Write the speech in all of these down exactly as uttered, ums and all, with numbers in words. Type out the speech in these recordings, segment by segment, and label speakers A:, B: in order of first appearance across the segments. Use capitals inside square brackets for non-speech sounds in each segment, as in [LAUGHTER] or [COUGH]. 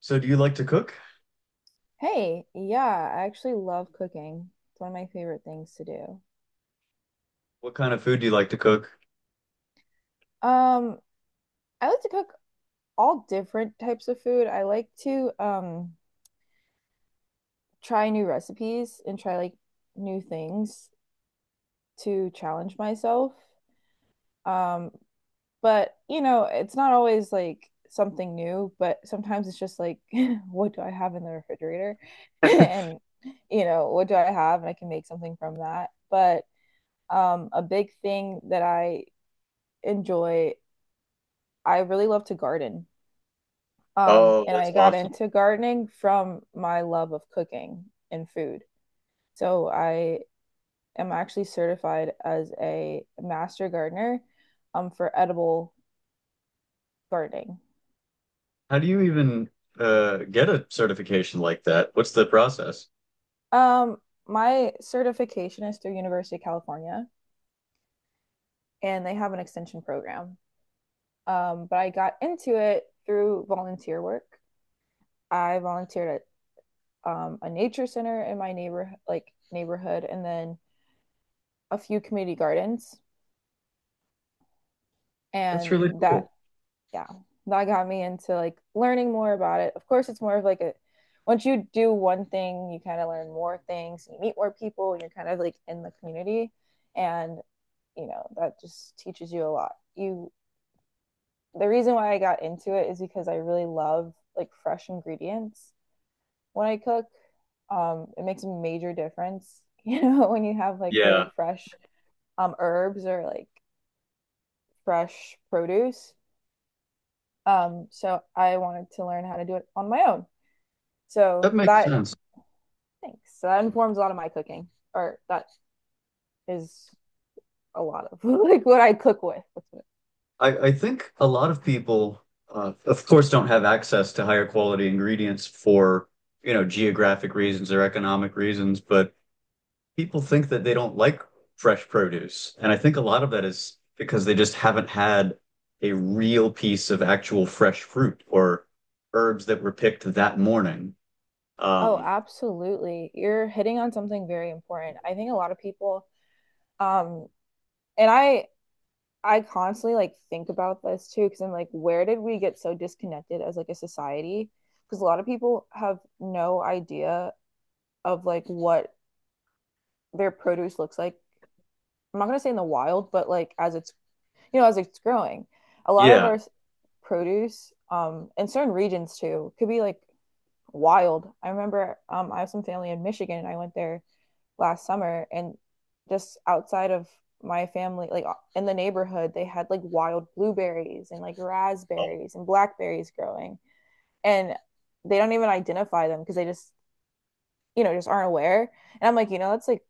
A: So do you like to cook?
B: Hey, yeah, I actually love cooking. It's one of my favorite things to do.
A: What kind of food do you like to cook?
B: Um, I like to cook all different types of food. I like to um try new recipes and try like new things to challenge myself. Um, but you know, it's not always like something new, but sometimes it's just like [LAUGHS] what do I have in the refrigerator? [LAUGHS] And you know, what do I have? And I can make something from that. But um a big thing that I enjoy I really love to garden. Um,
A: Oh,
B: and
A: that's
B: I got
A: awesome.
B: into gardening from my love of cooking and food. So I am actually certified as a master gardener um, for edible gardening.
A: How do you even uh, get a certification like that? What's the process?
B: Um, my certification is through University of California, and they have an extension program. Um, but I got into it through volunteer work. I volunteered at um, a nature center in my neighbor like neighborhood, and then a few community gardens.
A: That's
B: And
A: really
B: that
A: cool.
B: Yeah, that got me into like learning more about it. Of course, it's more of like a once you do one thing, you kind of learn more things, you meet more people, and you're kind of like in the community. And you know, that just teaches you a lot you The reason why I got into it is because I really love like fresh ingredients when I cook. Um it makes a major difference. [LAUGHS] You know, when you have like really
A: Yeah,
B: fresh um herbs or like fresh produce. Um, so I wanted to learn how to do it on my own. So
A: that makes
B: that
A: sense.
B: thanks. So that informs a lot of my cooking, or that is a lot of [LAUGHS] like what I cook with.
A: I, I think a lot of people, uh, of course, don't have access to higher quality ingredients for, you know, geographic reasons or economic reasons, but people think that they don't like fresh produce. And I think a lot of that is because they just haven't had a real piece of actual fresh fruit or herbs that were picked that morning.
B: Oh,
A: Um,
B: absolutely. You're hitting on something very important. I think a lot of people, um, and I I constantly like think about this too, because I'm like, where did we get so disconnected as like a society? Because a lot of people have no idea of like what their produce looks like. I'm not gonna say in the wild, but like as it's you know, as it's growing. A lot of
A: yeah.
B: our produce, um, in certain regions too, could be like wild. I remember um, I have some family in Michigan, and I went there last summer, and just outside of my family, like in the neighborhood, they had like wild blueberries and like
A: Oh,
B: raspberries and blackberries growing, and they don't even identify them because they just you know just aren't aware. And I'm like, you know, that's like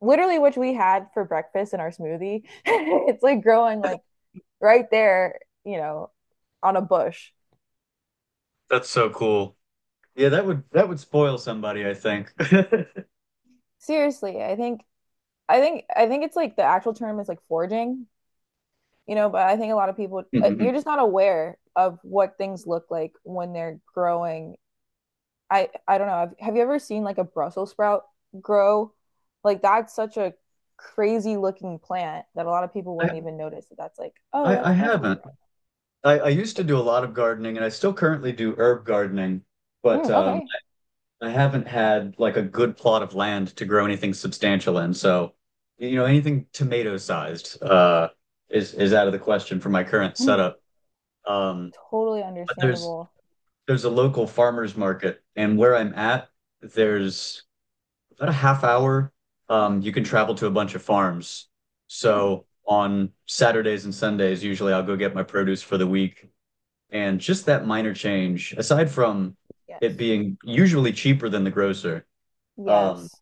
B: literally which we had for breakfast in our smoothie. [LAUGHS] It's like growing like right there, you know, on a bush.
A: that's so cool. Yeah, that would that would spoil somebody, I think. [LAUGHS]
B: Seriously, I think I think I think it's like the actual term is like foraging, you know, but I think a lot of people uh, you're
A: Mhm.
B: just not aware of what things look like when they're growing. I I don't know. Have, have you ever seen like a Brussels sprout grow? Like that's such a crazy looking plant that a lot of people wouldn't
A: I,
B: even notice that that's like, oh,
A: I I
B: that's Brussels
A: haven't.
B: sprout.
A: I, I used to do a lot of gardening and I still currently do herb gardening, but
B: Mm,
A: um
B: okay.
A: I haven't had like a good plot of land to grow anything substantial in, so you know, anything tomato sized uh is is out of the question for my current
B: Hmm.
A: setup. Um,
B: Totally
A: but there's
B: understandable.
A: there's a local farmers market, and where I'm at, there's about a half hour. Um, you can travel to a bunch of farms.
B: Mhm.
A: So on Saturdays and Sundays, usually I'll go get my produce for the week. And just that minor change, aside from it
B: Yes.
A: being usually cheaper than the grocer, um,
B: Yes,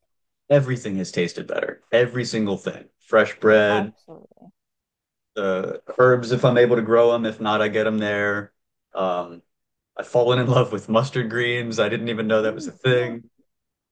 A: everything has tasted better. Every single thing. Fresh bread,
B: absolutely.
A: the uh, herbs if I'm able to grow them. If not, I get them there. Um, I've fallen in love with mustard greens. I didn't even know that was a
B: Mm. [GASPS]
A: thing.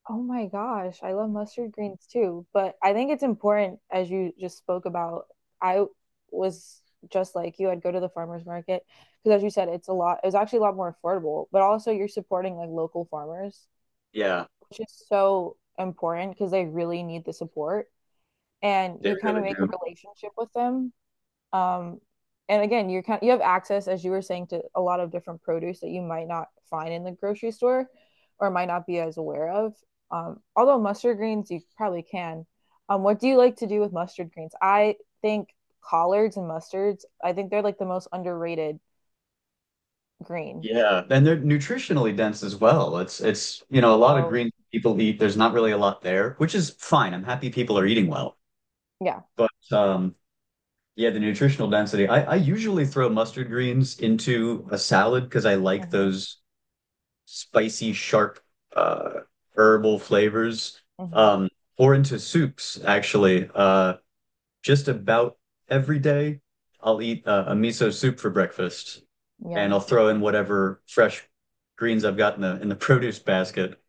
B: Oh my gosh, I love mustard greens too, but I think it's important as you just spoke about. I was just like you, I'd go to the farmers market because as you said, it's a lot, it's actually a lot more affordable, but also you're supporting like local farmers,
A: Yeah,
B: which is so important because they really need the support and
A: they
B: you kind of
A: really
B: make
A: do.
B: a relationship with them. Um, and again, you're kind of, you have access, as you were saying, to a lot of different produce that you might not find in the grocery store or might not be as aware of. Um, although mustard greens, you probably can. Um, what do you like to do with mustard greens? I think collards and mustards, I think they're like the most underrated green.
A: Yeah, and they're nutritionally dense as well. It's it's you know a lot of
B: Oh,
A: greens people eat. There's not really a lot there, which is fine. I'm happy people are eating well,
B: yeah.
A: but um, yeah, the nutritional density. I, I usually throw mustard greens into a salad because I like
B: Mm-hmm.
A: those spicy, sharp, uh, herbal flavors,
B: Mm-hmm.
A: um, or into soups, actually. Uh, just about every day, I'll eat uh, a miso soup for breakfast, and I'll
B: Yum.
A: throw in whatever fresh greens I've got in the in the [LAUGHS] produce basket,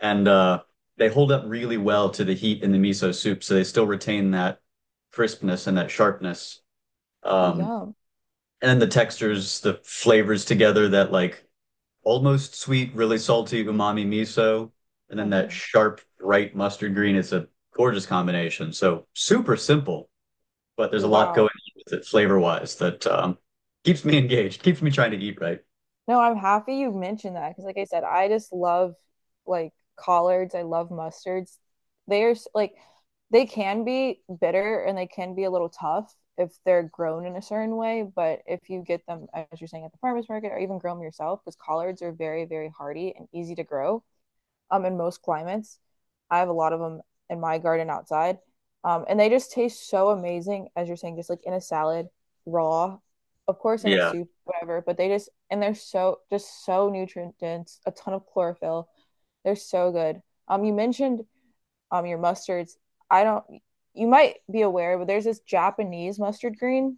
A: and uh, they hold up really well to the heat in the miso soup, so they still retain that crispness and that sharpness. Um,
B: Yum.
A: and then the textures, the flavors together that like almost sweet, really salty umami miso, and then that
B: Hmm.
A: sharp bright mustard green. It's a gorgeous combination. So super simple, but there's a lot going
B: Wow.
A: on with it flavor wise that um, keeps me [LAUGHS] engaged, keeps me trying to eat right.
B: No, I'm happy you mentioned that because, like I said, I just love like collards. I love mustards. They are s- like they can be bitter and they can be a little tough if they're grown in a certain way. But if you get them, as you're saying, at the farmers market or even grow them yourself, because collards are very, very hardy and easy to grow um, in most climates. I have a lot of them in my garden outside. Um, and they just taste so amazing, as you're saying, just like in a salad, raw, of course, in a
A: Yeah.
B: soup, whatever. But they just, and they're so, just so nutrient dense, a ton of chlorophyll. They're so good. Um, you mentioned um, your mustards. I don't, you might be aware, but there's this Japanese mustard green,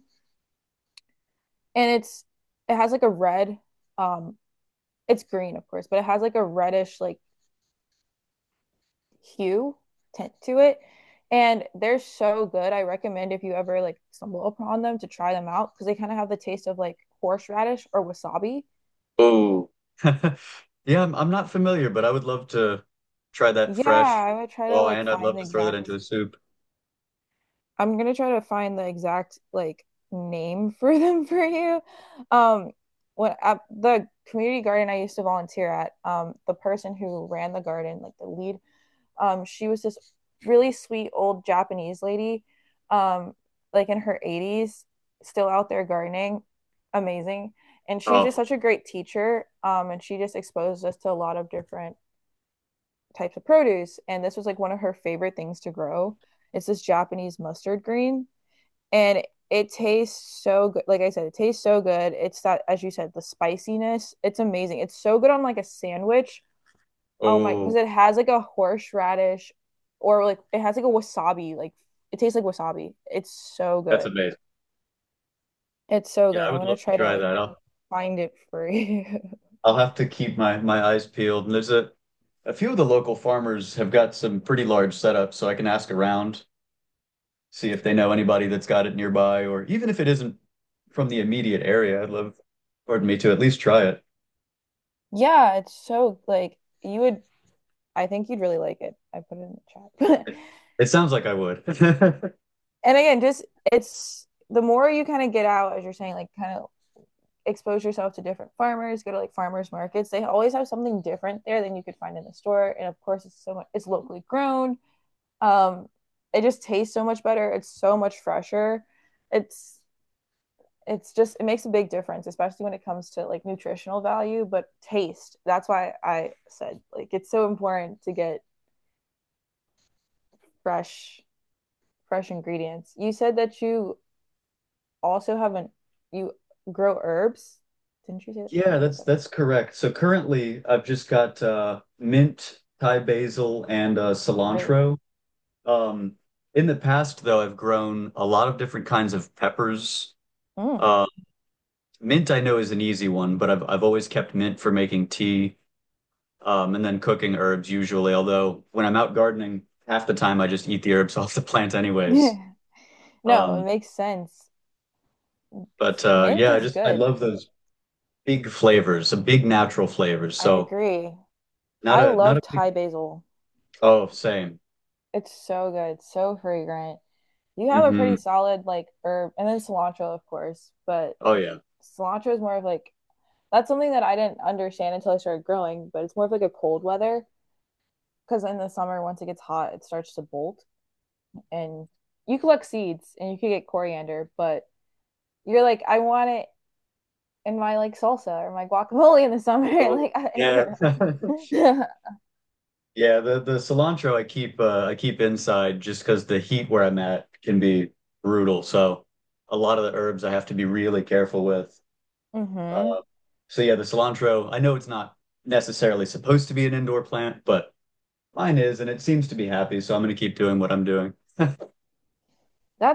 B: and it's, it has like a red, um, it's green, of course, but it has like a reddish, like hue tint to it, and they're so good. I recommend if you ever like stumble upon them to try them out, because they kind of have the taste of like horseradish or wasabi.
A: Oh. [LAUGHS] Yeah, I'm, I'm not familiar, but I would love to try that
B: Yeah,
A: fresh.
B: I would try to
A: Oh,
B: like
A: and I'd
B: find
A: love
B: the
A: to throw that into a
B: exact
A: soup.
B: I'm gonna try to find the exact like name [LAUGHS] for them for you. um when at the community garden I used to volunteer at um the person who ran the garden like the lead. Um, she was this really sweet old Japanese lady, um, like in her eighties, still out there gardening. Amazing. And she was just
A: Oh.
B: such a great teacher. Um, and she just exposed us to a lot of different types of produce. And this was like one of her favorite things to grow. It's this Japanese mustard green. And it tastes so good. Like I said, it tastes so good. It's that, as you said, the spiciness. It's amazing. It's so good on like a sandwich. Oh my, because
A: Oh.
B: it has like a horseradish or like it has like a wasabi. Like it tastes like wasabi. It's so
A: That's
B: good.
A: amazing.
B: It's so
A: Yeah,
B: good.
A: I
B: I'm
A: would
B: gonna
A: love to
B: try to
A: try
B: like
A: that. I'll
B: find it for you. [LAUGHS]
A: I'll have to keep my my eyes peeled. And there's a a few of the local farmers have got some pretty large setups, so I can ask around, see if they know anybody that's got it nearby, or even if it isn't from the immediate area, I'd love, pardon me, to at least try it.
B: Yeah, it's so like you would I think you'd really like it. I put it in the chat. [LAUGHS]
A: It it sounds like I would. [LAUGHS]
B: And again, just it's the more you kind of get out, as you're saying, like kind of expose yourself to different farmers, go to like farmers markets. They always have something different there than you could find in the store. And of course, it's so much, it's locally grown. Um, it just tastes so much better. It's so much fresher. It's it's just it makes a big difference, especially when it comes to like nutritional value, but taste. That's why I said like it's so important to get fresh fresh ingredients. You said that you also haven't you grow herbs. Didn't you say that?
A: Yeah,
B: You said
A: that's
B: that.
A: that's correct. So currently, I've just got uh, mint, Thai basil, and uh,
B: Great.
A: cilantro. Um, in the past, though, I've grown a lot of different kinds of peppers.
B: Mm.
A: Um, Mint I know is an easy one, but I've I've always kept mint for making tea, um, and then cooking herbs usually. Although when I'm out gardening, half the time I just eat the herbs [LAUGHS] off the plant anyways.
B: [LAUGHS] No, it
A: Um,
B: makes sense.
A: but uh,
B: Mint
A: yeah, I
B: is
A: just I
B: good.
A: love those big flavors, the big natural flavors.
B: I
A: So
B: agree.
A: not
B: I
A: a not a
B: love
A: big
B: Thai basil.
A: oh same.
B: It's so good, so fragrant. You have a
A: Hmm.
B: pretty solid like herb and then cilantro of course but
A: Oh yeah.
B: cilantro is more of like that's something that I didn't understand until I started growing, but it's more of like a cold weather because in the summer once it gets hot it starts to bolt. And you collect seeds and you could get coriander, but you're like I want it in my like salsa or my guacamole in the summer. [LAUGHS]
A: Oh
B: Like I,
A: yeah. [LAUGHS]
B: you know.
A: Yeah, the the cilantro I keep uh, I keep inside just because the heat where I'm at can be brutal. So a lot of the herbs I have to be really careful with.
B: [LAUGHS] Mm-hmm.
A: uh, So yeah, the cilantro, I know it's not necessarily supposed to be an indoor plant, but mine is, and it seems to be happy, so I'm gonna keep doing what I'm doing.
B: That